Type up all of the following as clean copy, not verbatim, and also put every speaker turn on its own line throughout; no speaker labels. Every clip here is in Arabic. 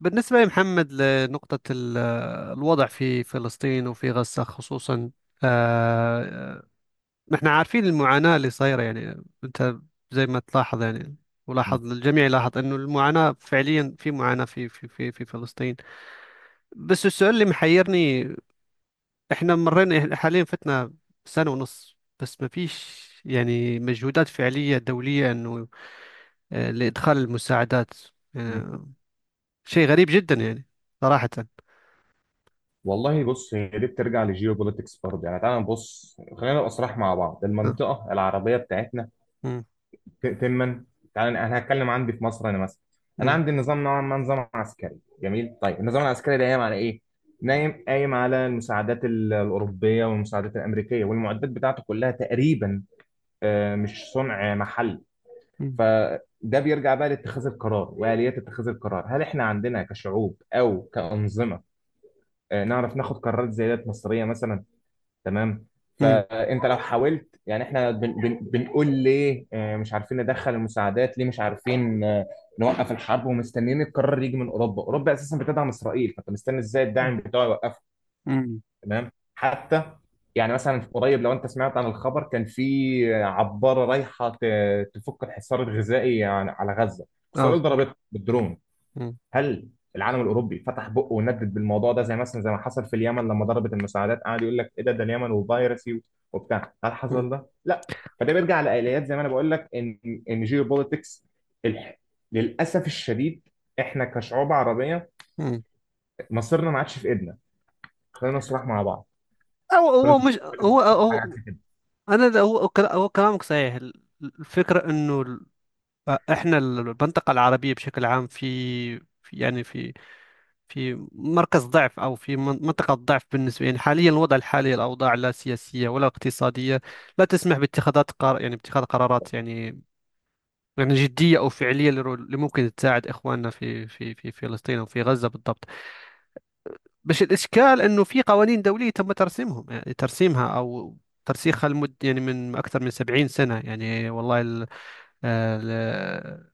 بالنسبة لمحمد لنقطة ال- الوضع في فلسطين وفي غزة خصوصا. آه، نحن عارفين المعاناة اللي صايرة أنت زي ما تلاحظ
مم.
ولاحظ الجميع، لاحظ أنه المعاناة فعليا في معاناة في فلسطين. بس السؤال اللي محيرني، إحنا مرينا حاليا، فتنا سنة ونص بس ما فيش مجهودات فعلية دولية أنه، لإدخال المساعدات. آه، شيء غريب جدا يعني، صراحة.
والله بص هي دي بترجع لجيو بوليتكس برضه يعني تعالى نبص خلينا نبقى صراح مع بعض
آه،
المنطقه العربيه بتاعتنا.
مم،
ت- تما تعالى انا هتكلم عندي في مصر انا مثلا انا
مم.
عندي النظام نوعا ما نظام عسكري جميل. طيب النظام العسكري ده قايم على ايه؟ نايم قايم على المساعدات الاوروبيه والمساعدات الامريكيه والمعدات بتاعته كلها تقريبا، مش صنع محلي.
مم.
فده بيرجع بقى لاتخاذ القرار واليات اتخاذ القرار. هل احنا عندنا كشعوب او كانظمه نعرف ناخد قرارات زي ديت مصيريه مثلا؟ تمام.
مم.
فانت لو حاولت يعني احنا بن بن بنقول ليه مش عارفين ندخل المساعدات، ليه مش عارفين نوقف الحرب، ومستنيين القرار يجي من اوروبا. اوروبا اساسا بتدعم اسرائيل، فانت مستني ازاي الداعم بتاعه يوقفها؟
مم.
تمام. حتى يعني مثلا في قريب، لو انت سمعت عن الخبر، كان في عباره رايحه تفك الحصار الغذائي على غزه،
اه
اسرائيل ضربتها بالدرون.
مم.
هل العالم الاوروبي فتح بقه وندد بالموضوع ده زي مثلا زي ما حصل في اليمن لما ضربت المساعدات، قعد يقول لك ايه ده، ده اليمن وفيروسي وبتاع؟ هل
مم.
حصل ده؟ لا. فده بيرجع لآليات زي ما انا بقول لك ان جيوبوليتكس الح... للاسف الشديد احنا كشعوب عربيه
مم.
مصيرنا ما عادش في ايدنا. خلينا نصرح مع بعض.
هو
كل
هو
انت
مش
كل أنت
هو
شايف حاجه
هو
عكس كده؟
انا ده- هو كلا- هو كلامك صحيح. ال- الفكره انه ال- احنا ال- المنطقه العربيه بشكل عام في في- يعني في في مركز ضعف، او في منطقه ضعف بالنسبه، يعني حاليا الوضع الحالي، الاوضاع لا سياسيه ولا اقتصاديه لا تسمح باتخاذات قرار، يعني باتخاذ قرارات يعني، يعني جديه او فعليه، اللي اللي ممكن تساعد اخواننا في فلسطين او في غزه بالضبط. بس الإشكال أنه في قوانين دولية تم ترسيمهم، يعني ترسيمها أو ترسيخها لمدة يعني من أكثر من سبعين سنة. يعني والله ال ال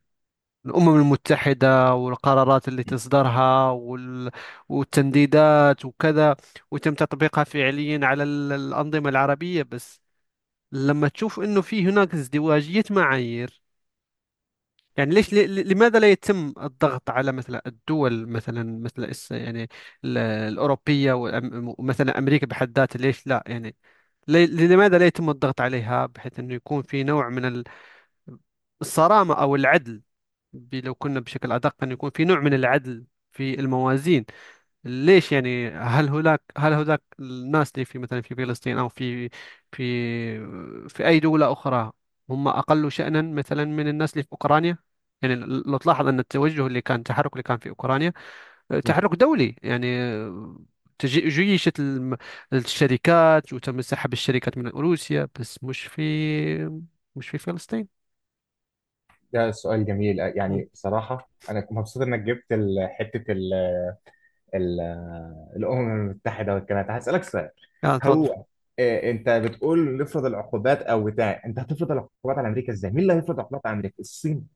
الأمم المتحدة والقرارات اللي تصدرها وال والتمديدات وكذا، وتم تطبيقها فعليا على ال- الأنظمة العربية. بس لما تشوف أنه في هناك ازدواجية معايير، يعني ليش لماذا لا يتم الضغط على مثلا الدول، مثلا مثل يعني ال- الأوروبية ومثلا أمريكا بحد ذاتها. ليش لا يعني، لماذا لا يتم الضغط عليها بحيث أنه يكون في نوع من ال- الصرامة أو العدل، لو كنا بشكل أدق، أن يكون في نوع من العدل في الموازين. ليش يعني، هل هناك الناس اللي في مثلا في فلسطين او في في في اي دولة اخرى، هم اقل شأنا مثلا من الناس اللي في اوكرانيا؟ يعني لو تلاحظ ان التوجه اللي كان، التحرك اللي كان في اوكرانيا،
مم.
تحرك دولي يعني، جيشت الشركات، وتم سحب الشركات من روسيا، بس مش في مش في فلسطين.
ده سؤال جميل.
مم.
يعني بصراحه انا مبسوط انك جبت حته ال- الأمم المتحدة والكلام ده. هسألك سؤال.
اه، تفضل.
هو انت بتقول نفرض العقوبات او بتاع، انت هتفرض العقوبات على امريكا ازاي؟ مين اللي هيفرض عقوبات على امريكا؟ الصين؟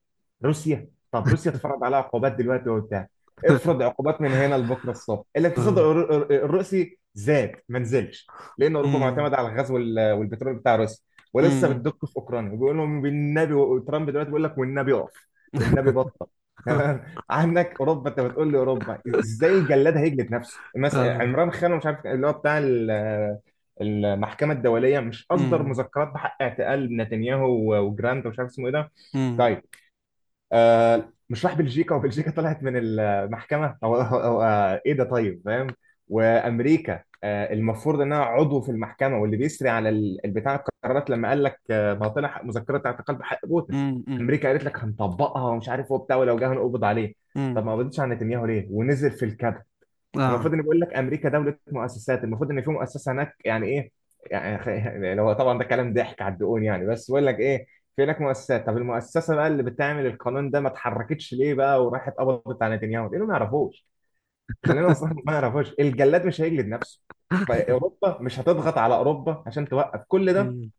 روسيا؟ طب روسيا اتفرض عليها عقوبات دلوقتي وبتاع، افرض عقوبات من هنا لبكره الصبح، الاقتصاد
آه.
الروسي زاد ما نزلش، لان اوروبا
مم.
معتمده على الغاز والبترول بتاع روسيا، ولسه
مم.
بتدق في اوكرانيا وبيقول لهم بالنبي. وترامب دلوقتي بيقول لك والنبي اقف، والنبي بطل. عندك اوروبا، انت بتقول لي اوروبا ازاي؟ الجلاد هيجلد نفسه؟ مثلا
آه.
عمران خان، مش عارف اللي هو بتاع المحكمه الدوليه، مش اصدر
مم.
مذكرات بحق اعتقال نتنياهو وجراند ومش عارف اسمه ايه ده؟
مم.
طيب آه، مش راح بلجيكا وبلجيكا طلعت من المحكمة؟ هو آه ايه ده، طيب فاهم. وامريكا آه المفروض انها عضو في المحكمة واللي بيسري على البتاع، القرارات، لما قال لك آه ما هو طلع مذكرة اعتقال بحق بوتين،
مم. مم.
امريكا قالت لك هنطبقها ومش عارف هو بتاع ولو جه هنقبض عليه.
امم
طب ما قبضتش على نتنياهو ليه ونزل في الكابيتال؟ المفروض
اه
اني بقول لك امريكا دوله مؤسسات، المفروض ان في مؤسسه هناك. يعني ايه يعني؟ لو طبعا ده كلام ضحك على الدقون، يعني بس بقول لك ايه، في هناك مؤسسات. طب المؤسسه بقى اللي بتعمل القانون ده ما اتحركتش ليه بقى وراحت قبضت على نتنياهو ليه؟ ما يعرفوش. خلينا نصرح، ما يعرفوش. الجلاد مش هيجلد نفسه. اوروبا مش هتضغط على اوروبا عشان توقف كل ده،
امم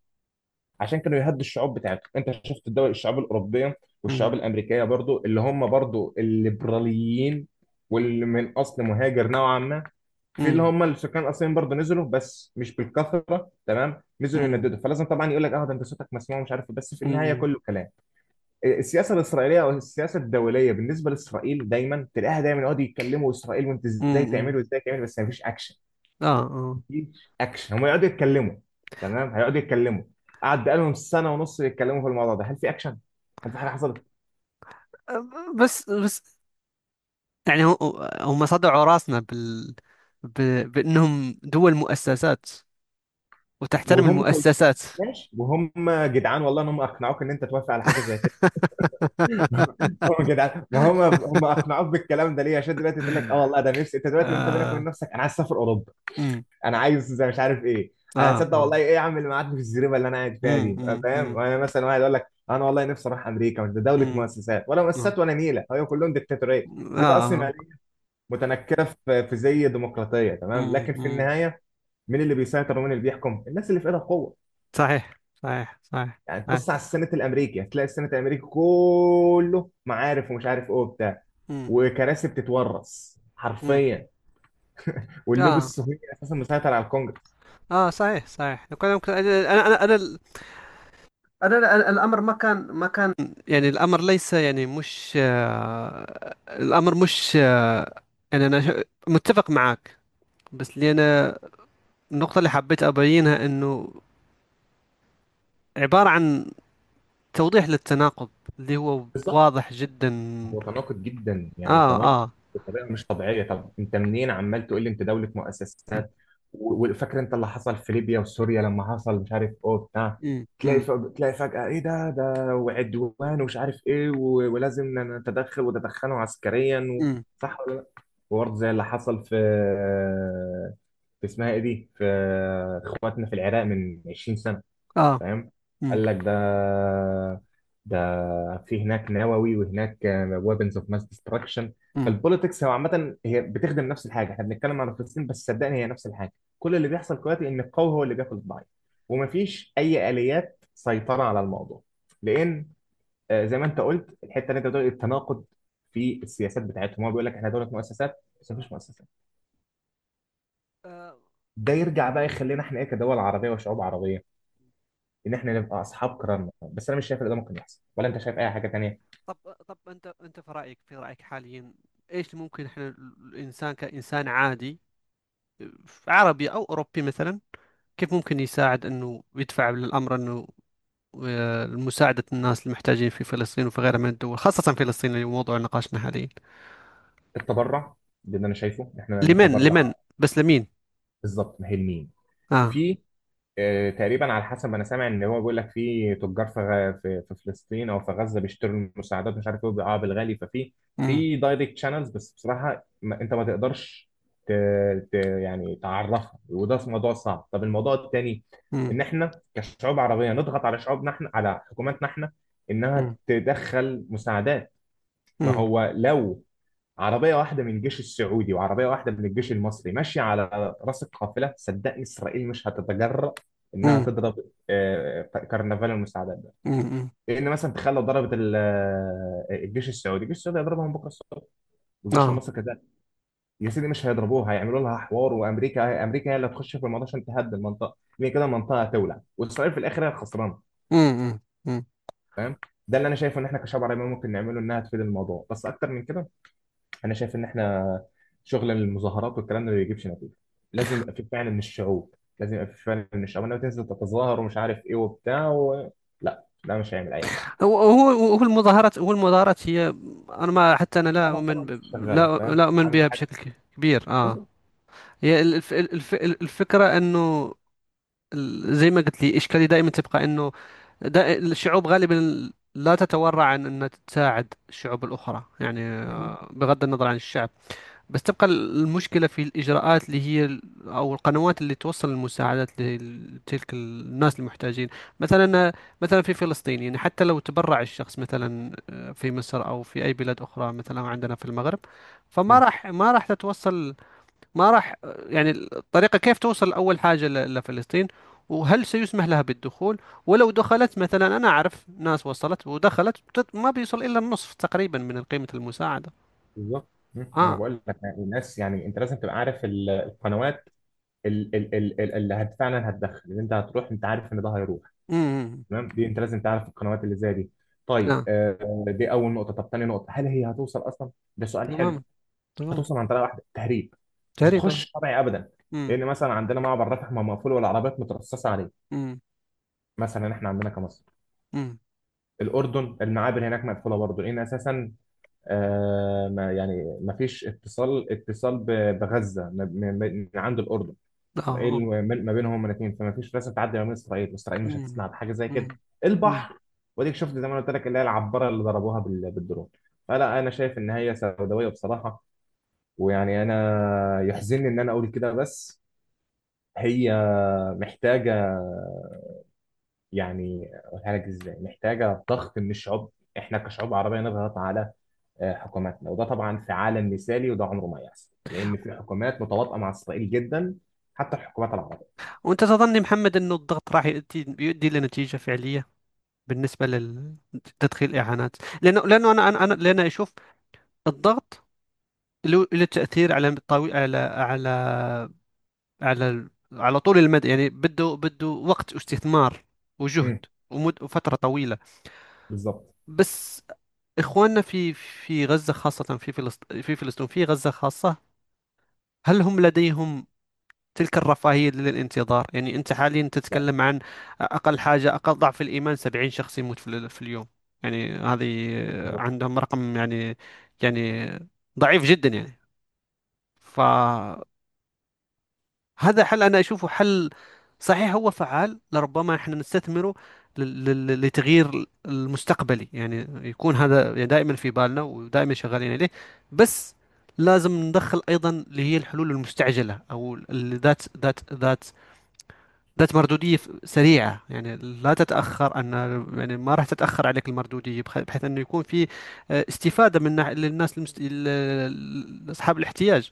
عشان كانوا يهدوا الشعوب بتاعتهم. انت شفت الدول، الشعوب الاوروبيه
امم
والشعوب الامريكيه برضو، اللي هم برضو الليبراليين واللي من اصل مهاجر نوعا ما، في اللي
امم
هم السكان الاصليين برضو نزلوا، بس مش بالكثره، تمام، نزلوا
امم
ينددوا. فلازم طبعا يقول لك اه ده انت صوتك مسموع مش عارف بس في النهايه
امم
كله كلام. السياسه الاسرائيليه او السياسه الدوليه بالنسبه لاسرائيل دايما تلاقيها دايما يقعدوا يتكلموا، اسرائيل وانت ازاي
امم
تعملوا ازاي تعملوا، بس مفيش اكشن.
اه
مفيش اكشن، هم يقعدوا يتكلموا. تمام، هيقعدوا يتكلموا. قعد بقالهم سنه ونص يتكلموا في الموضوع ده. هل في اكشن؟ هل في حاجه حصلت؟
اه بس بس، يعني هم صدعوا راسنا بال، ب... بأنهم دول مؤسسات وتحترم
وهم كويسين،
المؤسسات.
ماشي، وهم جدعان والله، ان هم اقنعوك ان انت توافق على حاجه زي كده. هم جدعان. ما هم اقنعوك بالكلام ده ليه؟ عشان دلوقتي تقول لك اه والله ده نفسي. انت دلوقتي وانت بينك وبين
آه
نفسك، انا عايز اسافر اوروبا،
أمم،
انا عايز زي مش عارف ايه. انا
آه
هتصدق
آه
والله ايه يا عم، اللي معاد في الزريبه اللي انا قاعد فيها
أمم،
دي
أمم،
فاهم.
أمم،
وانا مثلا واحد يقول لك انا والله نفسي اروح امريكا، وده دوله
أمم،
مؤسسات. ولا
آه
مؤسسات ولا نيله، هي كلهم ديكتاتوريه.
آه
دي بقى اصلا
آه،
متنكره في زي ديمقراطيه، تمام،
أمم،
لكن في
أمم.
النهايه مين اللي بيسيطر ومين اللي بيحكم؟ الناس اللي في ايدها القوه.
صحيح. صحيح صحيح.
يعني
صحيح.
تبص على السنات الامريكي هتلاقي السنات الامريكي كله معارف ومش عارف ايه وبتاع،
أمم،
وكراسي بتتورث
أمم.
حرفيا، واللوبي
آه
الصهيوني اساسا مسيطر على الكونجرس.
اه صحيح صحيح. لو كان ممكن، انا ال- انا ال- الامر ما كان ما كان، يعني الامر ليس يعني مش آه الامر مش آه يعني انا متفق معك. بس اللي انا، النقطة اللي حبيت ابينها انه عبارة عن توضيح للتناقض اللي هو واضح جدا.
هو تناقض جدا يعني،
اه
تناقض
اه.
بطريقه مش طبيعيه. طب انت منين عمال تقول لي انت دوله مؤسسات؟ وفاكر انت اللي حصل في ليبيا وسوريا لما حصل مش عارف ايه بتاع،
امم
تلاقي
امم
تلاقي فجاه ايه ده، ده وعدوان ومش عارف ايه ولازم نتدخل وتدخلوا عسكريا و...
امم
صح ولا لا؟ وبرضه زي اللي حصل في اسمها ايه دي، في اخواتنا في العراق من 20 سنه،
اه
فاهم،
امم
قال لك ده، ده في هناك نووي وهناك ويبنز اوف ماس ديستراكشن.
امم
فالبوليتكس هو عامه هي بتخدم نفس الحاجه. احنا بنتكلم على فلسطين بس صدقني هي نفس الحاجه. كل اللي بيحصل دلوقتي ان القوي هو اللي بياكل الضعيف، ومفيش اي اليات سيطره على الموضوع، لان زي ما انت قلت الحته اللي انت بتقول التناقض في السياسات بتاعتهم، هو بيقول لك احنا دوله مؤسسات بس مفيش مؤسسات.
آه،
ده يرجع بقى يخلينا احنا ايه كدول عربيه وشعوب عربيه، ان احنا نبقى اصحاب كرامه. بس انا مش شايف ان ده ممكن يحصل، ولا انت شايف اي حاجه تانية؟
طب طب، انت في رايك في رايك حاليا، ايش ممكن احنا، الانسان كانسان عادي، عربي أو أوروبي مثلا، كيف ممكن يساعد أنه يدفع للأمر أنه، مساعدة الناس المحتاجين في فلسطين وفي غيرها من الدول، خاصة فلسطين اللي هو موضوع نقاشنا حاليا.
التبرع، ده اللي انا شايفه، ان احنا
لمن، لمن
نتبرع.
بس، لمين؟
بالظبط، ما هي لمين؟
آه
في تقريبا على حسب ما انا سامع، ان هو بيقول لك في تجار في في فلسطين او في غزه بيشتروا المساعدات مش عارف ايه وبيبيعوها بالغالي. ففي
مم.
في دايركت شانلز، بس بصراحه ما انت ما تقدرش ت... يعني تعرفها، وده موضوع صعب. طب الموضوع التاني
مم.
ان احنا كشعوب عربيه نضغط على شعوبنا احنا، على حكوماتنا احنا، انها
مم.
تدخل مساعدات. ما
مم.
هو لو عربية واحدة من الجيش السعودي وعربية واحدة من الجيش المصري ماشية على رأس القافلة، صدقني إسرائيل مش هتتجرأ إنها
مم.
تضرب آه، كرنفال المساعدات ده.
مم.
لأن مثلا تخيل لو ضربت الجيش السعودي، الجيش السعودي هيضربها من بكرة الصبح، والجيش
آه
المصري كذلك. يا سيدي مش هيضربوها، هيعملوا لها حوار. وأمريكا، أمريكا هي اللي هتخش في الموضوع عشان تهدد المنطقة، لأن كده المنطقة هتولع وإسرائيل في الآخر هي الخسرانة.
مم. مم. مم.
فاهم. ده اللي أنا شايفه إن إحنا كشعب عربي ممكن نعمله إنها تفيد الموضوع. بس أكتر من كده انا شايف ان احنا، شغل المظاهرات والكلام ده ما بيجيبش نتيجه. لازم يبقى في فعلا من الشعوب، لازم يبقى في فعلا من الشعوب، انما تنزل تتظاهر ومش عارف ايه وبتاع و... لا ده مش هيعمل اي حاجه.
هو المظاهرات هي، أنا ما، حتى أنا لا
انا سنه
أؤمن
ونص
ب...
شغاله
لا
فاهم،
لا أؤمن بها
عامل حاجه؟
بشكل كبير.
بالظبط.
هي الفكرة أنه ال- زي ما قلت لي إشكالي دائما تبقى أنه، ده الشعوب غالبا لا تتورع عن أن تساعد الشعوب الأخرى
مهم.
بغض النظر عن الشعب. بس تبقى المشكلة في الإجراءات اللي هي ال- أو القنوات اللي توصل المساعدات لتلك الناس المحتاجين. مثلا، مثلا في فلسطين حتى لو تبرع الشخص مثلا، في مصر أو في أي بلاد أخرى، مثلا عندنا في المغرب. فما
مهم.
راح، ما راح تتوصل. ما راح، يعني الطريقة كيف توصل؟ أول حاجة، ل- لفلسطين، وهل سيسمح لها بالدخول؟ ولو دخلت مثلا، أنا أعرف ناس وصلت ودخلت، ما بيوصل إلا النصف تقريبا من قيمة المساعدة.
بالظبط. مهم. ما انا
آه
بقول لك يعني الناس، يعني انت لازم تبقى عارف القنوات، اللي هت فعلا هتدخل، اللي انت هتروح، انت عارف ان ده هيروح.
أمم
تمام، دي انت لازم تعرف القنوات اللي زي دي. طيب
آه
آه، دي اول نقطه. طب تاني نقطه، هل هي هتوصل اصلا؟ ده سؤال حلو.
تمام. تمام
هتوصل عن طريقه واحده، تهريب، مش
تقريبا.
هتخش طبيعي ابدا.
أمم
لان مثلا عندنا معبر رفح ما مقفول والعربيات مترصصه عليه.
أمم
مثلا احنا عندنا كمصر،
أمم
الاردن، المعابر هناك مقفوله برضه، لان اساسا ما يعني ما فيش اتصال، اتصال بغزه من عند الاردن،
آه
اسرائيل،
آه
ما بينهم هما الاثنين. فما فيش راسه تعدي ما بين اسرائيل واسرائيل مش
أمم
هتسمع بحاجه زي كده.
أمم أمم
البحر واديك شفت زي ما أنا قلت لك، اللي هي العباره اللي ضربوها بالدرون. فلا، انا شايف ان هي سوداويه بصراحه، ويعني انا يحزنني ان انا اقول كده، بس هي محتاجه، يعني اقولها لك ازاي، محتاجه ضغط من الشعوب. احنا كشعوب عربيه نضغط على حكوماتنا، وده طبعا في عالم مثالي، وده عمره ما يحصل، لان في حكومات متواطئه مع اسرائيل جدا، حتى الحكومات العربيه.
وأنت تظني محمد أنه الضغط راح يؤدي يؤدي لنتيجة فعلية بالنسبة لل- لتدخيل إعانات؟ لأنه لأنه لأن أشوف الضغط له له تأثير على على على على على طول المدى بده بده وقت واستثمار وجهد
مم.
ومد وفترة طويلة.
بالظبط.
بس إخواننا في في غزة خاصة، في فلسطين في فلسطين، في غزة خاصة، هل هم لديهم تلك الرفاهية للانتظار؟ يعني أنت حاليا
لا.
تتكلم عن أقل حاجة، أقل ضعف الإيمان، 70 شخص يموت في اليوم. يعني هذه
بالظبط.
عندهم رقم يعني، يعني ضعيف جدا يعني. ف هذا حل، أنا أشوفه حل صحيح هو فعال، لربما احنا نستثمره لل- لل- لتغيير المستقبلي، يعني يكون هذا يعني دائما في بالنا ودائما شغالين عليه. بس لازم ندخل أيضا اللي هي الحلول المستعجلة، أو اللي ذات ذات مردودية سريعة، يعني لا تتأخر أن، يعني ما راح تتأخر عليك المردودية، بحيث أنه يكون في، استفادة من للناس ال- ال- أصحاب الاحتياج.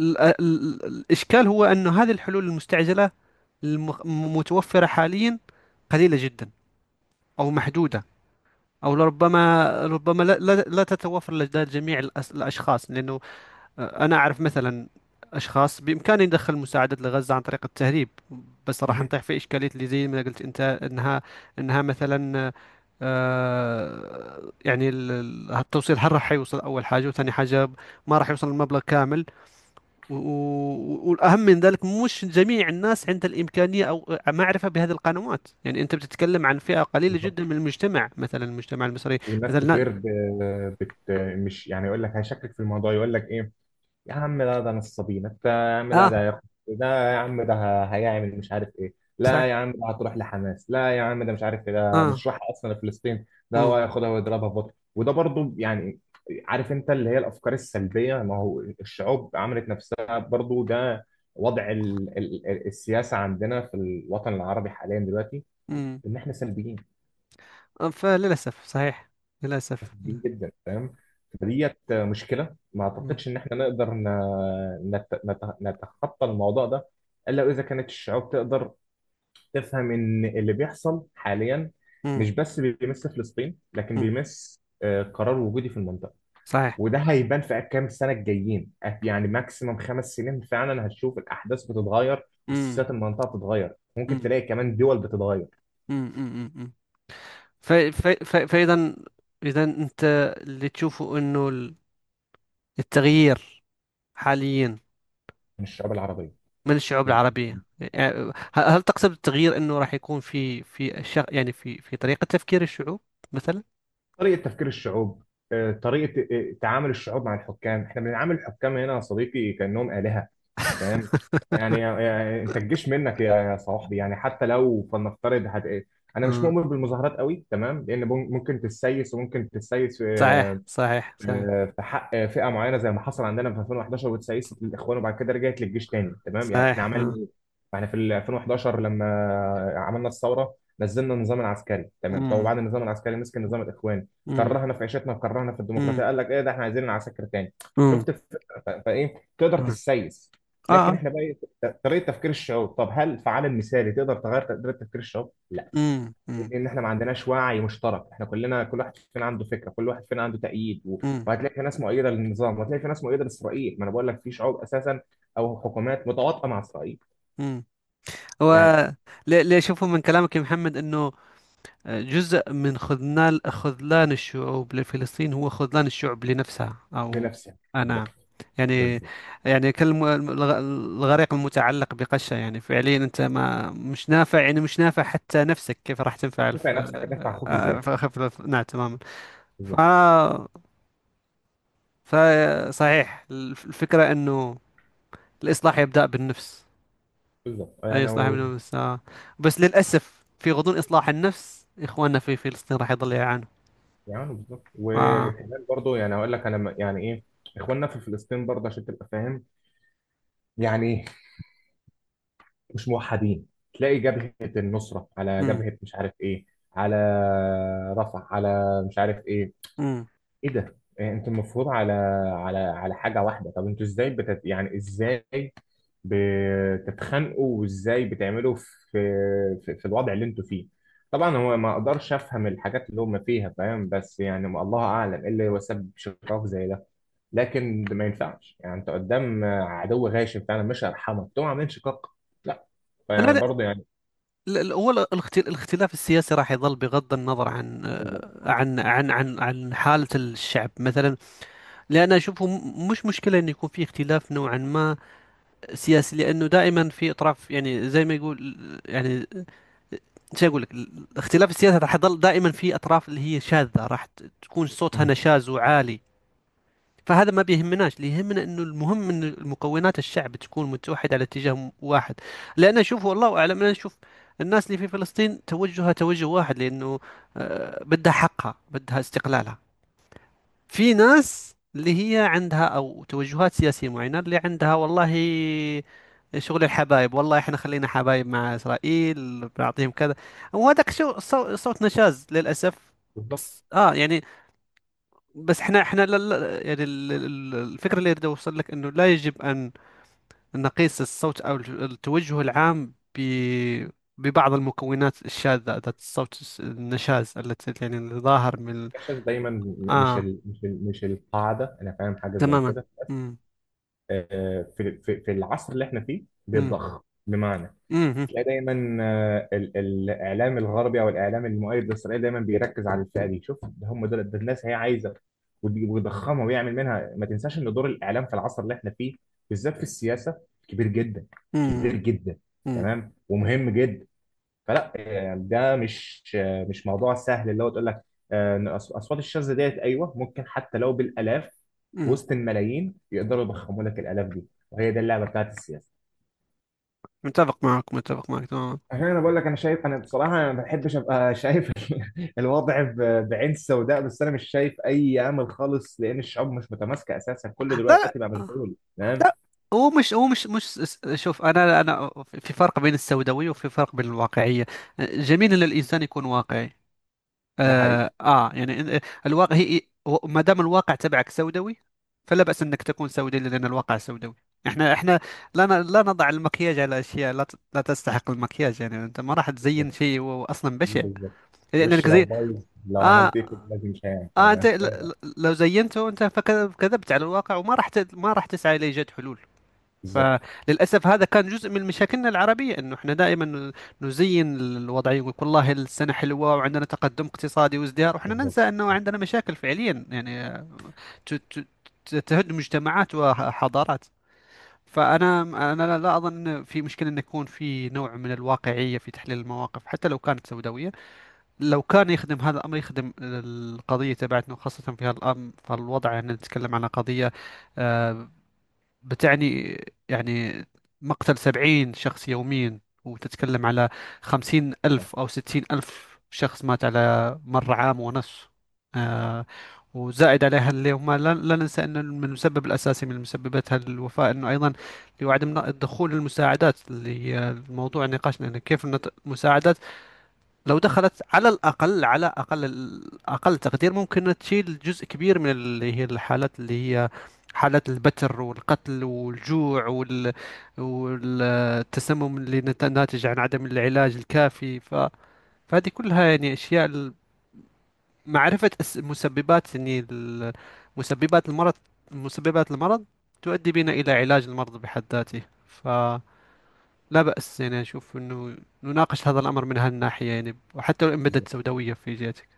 ال- ال- الإشكال هو أن هذه الحلول المستعجلة المتوفرة حاليا قليلة جدا، أو محدودة، أو لربما، ربما لا تتوفر لدى جميع الأشخاص. لأنه، أنا أعرف مثلا أشخاص بإمكاني ندخل مساعدات لغزة عن طريق التهريب، بس راح
مهم.
نطيح في إشكالية اللي زي ما قلت أنت، أنها أنها مثلا، ال- ال- التوصيل، هل راح يوصل؟ أول حاجة وثاني حاجة، ما راح يوصل المبلغ كامل. و- و- والأهم من ذلك، مش جميع الناس عندها الإمكانية أو معرفة بهذه القنوات. يعني أنت بتتكلم عن فئة قليلة
بالظبط.
جدا من المجتمع، مثلا المجتمع المصري.
والناس
مثلا
كتير بت مش يعني، يقول لك هيشكك في الموضوع، يقول لك ايه يا عم، لا ده نصابين. انت يا عم لا ده
آه،
هياخد، ده يا عم ده هيعمل مش عارف ايه، لا
صحيح.
يا عم ده هتروح لحماس، لا يا عم ده مش عارف ايه، ده مش
آه
راح اصلا لفلسطين، ده
مم.
هو هياخدها ويضربها في بطن، وده برضو يعني، عارف، انت اللي هي الافكار السلبيه. ما هو الشعوب عملت نفسها برضو ده وضع السياسه عندنا في الوطن العربي حاليا دلوقتي،
مم.
ان احنا سلبيين
فللأسف صحيح، للأسف لا.
مفسدين جدا، فاهم. فديت مشكله ما
مم.
اعتقدش ان احنا نقدر نتخطى الموضوع ده، الا اذا كانت الشعوب تقدر تفهم ان اللي بيحصل حاليا
مم.
مش بس بيمس فلسطين، لكن
مم.
بيمس قرار وجودي في المنطقه.
صحيح.
وده هيبان في كام سنه الجايين، يعني ماكسيمم خمس سنين فعلا هتشوف الاحداث بتتغير
مم.
وسياسات المنطقه بتتغير، ممكن
مم.
تلاقي كمان دول بتتغير.
مم. مم. مم. فإذا، إذا أنت اللي تشوفه أنه التغيير حاليا
من الشعوب
من الشعوب
العربيه.
العربية يعني، هل هل تقصد التغيير أنه راح يكون في في يعني في في طريقة تفكير الشعوب مثلا؟
طريقة تفكير الشعوب، طريقة تعامل الشعوب مع الحكام. احنا بنعامل الحكام هنا يا صديقي كأنهم آلهة. تمام، يعني يعني انت الجيش منك يا يا صاحبي، يعني حتى لو فلنفترض هت... آه، انا مش
مم.
مؤمن بالمظاهرات قوي، تمام، لان ممكن تتسيس وممكن تتسيس
صحيح صحيح صحيح
في حق فئه معينه زي ما حصل عندنا في 2011 والتسيست الاخوان وبعد كده رجعت للجيش تاني، تمام، يعني احنا
صحيح.
عملنا
آه.
ايه؟ احنا في ال 2011 لما عملنا الثوره، نزلنا النظام العسكري، تمام. طب
مم.
وبعد النظام العسكري مسك نظام الاخوان،
مم.
كرهنا في عيشتنا وكرهنا في الديمقراطيه،
مم.
قال لك ايه ده احنا عايزين العساكر تاني.
مم.
شفت الفكرة؟ فايه تقدر
مم.
تسيس،
آه
لكن
آه.
احنا بقى إيه؟ طريقه تفكير الشعوب. طب هل فعال المثالي تقدر تغير طريقه تفكير الشعوب؟ لا.
مم. مم.
لان احنا ما عندناش وعي مشترك، احنا كلنا كل واحد فينا عنده فكره، كل واحد فينا عنده تأييد،
مم.
وهتلاقي في ناس مؤيده للنظام وهتلاقي في ناس مؤيده لاسرائيل. ما انا بقول لك في شعوب اساسا او حكومات متواطئه مع اسرائيل.
مم. هو
يعني
اللي اللي أشوفه من كلامك يا محمد أنه، جزء من خذلان خذلان الشعوب لفلسطين هو خذلان الشعوب لنفسها أو،
لنفسك.
آه
بالظبط.
نعم. يعني،
بالظبت.
يعني الغريق المتعلق بقشة. يعني فعليا أنت ما مش نافع، يعني مش نافع حتى نفسك، كيف راح تنفع
شوفها نفسك هتنفع اخوك ازاي؟
نعم، تماما. ف...
بالظبط.
فصحيح، الفكرة أنه الإصلاح يبدأ بالنفس،
بالظبط.
أي
يعني
إصلاح
هو،
بالنفس. آه. بس للأسف في غضون إصلاح النفس إخواننا في فلسطين راح يضل يعانوا.
يعني بالظبط.
آه.
وكمان برضو يعني هقول لك انا يعني ايه، اخواننا في فلسطين برضه عشان تبقى فاهم يعني مش موحدين. تلاقي جبهه النصره على جبهه مش عارف ايه، على رفح، على مش عارف ايه،
امم
ايه ده، إيه انتوا المفروض على على على حاجه واحده؟ طب انتوا ازاي يعني ازاي بتتخانقوا وازاي بتعملوا في في الوضع اللي انتوا فيه؟ طبعا هو ما اقدرش افهم الحاجات اللي هم فيها، فاهم، بس يعني ما الله اعلم ايه اللي هو سبب شقاق زي ده، لكن ده ما ينفعش. يعني انت قدام عدو غاشم فعلا مش هيرحمك تقوم عاملين شقاق؟ لا.
انا
فيعني برضه يعني.
لا، هو الاختلاف السياسي راح يظل بغض النظر عن،
بالظبط.
عن حالة الشعب مثلا. لان اشوفه مش مشكلة انه يكون في اختلاف نوعا ما سياسي، لانه دائما في اطراف يعني، زي ما يقول، يعني شو اقول لك، الاختلاف السياسي راح يظل دائما. في اطراف اللي هي شاذة راح تكون صوتها
مم.
نشاز وعالي، فهذا ما بيهمناش. اللي يهمنا انه، المهم ان مكونات الشعب تكون متوحده على اتجاه واحد. لان اشوف، والله اعلم، انا اشوف الناس اللي في فلسطين توجهها توجه واحد، لانه بدها حقها بدها استقلالها. في ناس اللي هي عندها او توجهات سياسيه معينه، اللي عندها والله شغل الحبايب، والله احنا خلينا حبايب مع اسرائيل بنعطيهم كذا، وهذاك شو صوت نشاز للاسف.
بالظبط.
بس اه يعني، بس احنا احنا لا لا يعني، ال- ال- الفكره اللي اريد اوصل لك انه، لا يجب ان نقيس الصوت او التوجه العام ب ببعض المكونات الشاذة ذات الصوت النشاز، التي يعني اللي ظاهر من ال-
الاحساس دايما
اه.
مش القاعده، انا فاهم حاجه زي
تماما.
كده.
امم
في في في العصر اللي احنا فيه
امم
بيتضخ، بمعنى
امم
تلاقي دايما الاعلام الغربي او الاعلام المؤيد لاسرائيل دايما بيركز على الفئه دي، شوف ده هم دول، ده الناس هي عايزه، ويضخمها ويعمل منها. ما تنساش ان دور الاعلام في العصر اللي احنا فيه بالذات في السياسه كبير جدا، كبير
امم
جدا،
امم
تمام، ومهم جدا. فلا يعني ده مش، مش موضوع سهل، اللي هو تقول لك إن اصوات الشاذة ديت، ايوه ممكن حتى لو بالالاف في
أمم.
وسط الملايين يقدروا يضخموا لك الالاف دي، وهي دي اللعبه بتاعت السياسه.
متفق معك، متفق معك تماما.
عشان انا بقول لك انا شايف، انا بصراحه انا ما بحبش ابقى شايف الوضع بعين سوداء، بس انا مش شايف اي امل خالص لان الشعوب مش متماسكه اساسا، كله
لا لا
دلوقتي بقى مشغول. تمام.
لا، هو مش هو مش شوف، انا انا في فرق بين السوداوية وفي فرق بين الواقعية. جميل ان الانسان يكون واقعي.
ده حقيقي.
آه, آه يعني إن- إيه، الواقع هي، ما دام الواقع تبعك سوداوي فلا بأس أنك تكون سوداوي، لأن الواقع سوداوي. احنا احنا لا لا نضع المكياج على اشياء لا لا تستحق المكياج. يعني انت ما راح تزين
بالظبط.
شيء هو اصلا بشع.
بالظبط. وش
لانك
لو
زي،
بايظ لو عملت ايه
اه
لازم مش هيعمل.
اه، انت
فاهم.
لو زينته انت فكذبت على الواقع، وما راح ما راح تسعى لايجاد حلول.
بالظبط.
فللأسف هذا كان جزء من مشاكلنا العربية، أنه إحنا دائما نزين الوضعية ويقول والله السنة حلوة وعندنا تقدم اقتصادي وازدهار، وإحنا
بالظبط.
ننسى أنه عندنا مشاكل فعليا يعني ت- ت- تهد مجتمعات وحضارات. فأنا، أنا لا أظن أن في مشكلة أن يكون في نوع من الواقعية في تحليل المواقف، حتى لو كانت سوداوية. لو كان يخدم هذا الأمر، يخدم القضية تبعتنا، وخاصة في هذا الأمر. فالوضع أن نتكلم عن قضية، آه، بتعني يعني مقتل سبعين شخص يوميا، وتتكلم على خمسين
آه،
ألف أو ستين ألف شخص مات على مر عام ونص. آه، وزائد عليها اللي هم لا ننسى أن من المسبب الأساسي من مسببات الوفاة أنه أيضا لعدم دخول المساعدات، اللي هي الموضوع نقاشنا أنه كيف المساعدات لو دخلت على الأقل على أقل، أقل تقدير ممكن تشيل جزء كبير من اللي هي الحالات، اللي هي حالات البتر والقتل والجوع وال... والتسمم اللي ناتج عن عدم العلاج الكافي. ف... فهذه كلها يعني أشياء ال- معرفة مسببات يعني مسببات المرض مسببات المرض تؤدي بنا إلى علاج المرض بحد ذاته. ف لا بأس يعني، أشوف أنه نناقش هذا الأمر من هالناحية، يعني وحتى لو إن بدت
بالظبط.
سوداوية في جهتك.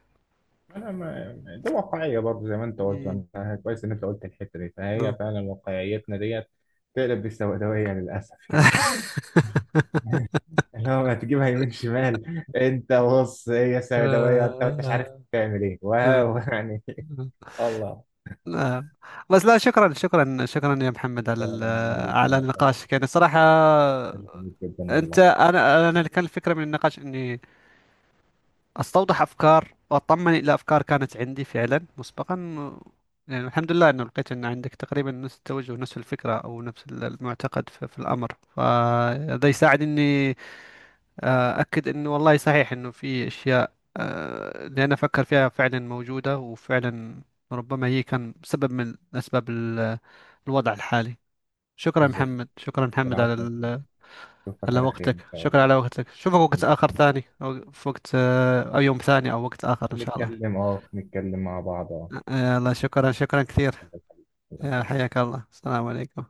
انا ما، دي واقعيه برضه زي ما انت قلت،
مم.
وانا كويس ان انت قلت الحته دي، فهي
آه.
فعلا واقعيتنا ديت تقلب بالسوداويه للاسف يعني. اللي هو ما تجيبها يمين شمال، انت بص هي سوداويه، انت انت مش عارف
آه.
تعمل ايه
آه.
واو يعني. الله.
آه. بس لا، شكرا شكرا شكرا يا محمد على ال-
فعلا ما يليق
على
يا أستاذ.
النقاش يعني صراحة.
جميل جدا
أنت،
والله.
أنا أنا اللي كان الفكرة من النقاش إني استوضح افكار واطمن الى افكار كانت عندي فعلا مسبقا. يعني الحمد لله انه لقيت ان عندك تقريبا نفس التوجه، نفس الفكره، او نفس ال- المعتقد في, في الامر. فهذا يساعد اني، اكد انه والله صحيح انه في اشياء، اللي انا افكر فيها فعلا موجوده، وفعلا ربما هي كان سبب من اسباب ال- الوضع الحالي. شكرا
بالظبط.
محمد، شكرا محمد على
العفو.
ال-
اشوفك
على
على خير ان
وقتك،
شاء
شكرا
الله.
على وقتك. شوفك وقت
انت
آخر
كمان.
ثاني، أو في وقت، أو يوم ثاني أو وقت آخر إن شاء الله.
نتكلم اه نتكلم مع بعض اه.
الله، شكرا شكرا كثير.
الله يخليك. الله يخليك.
حياك الله، السلام عليكم.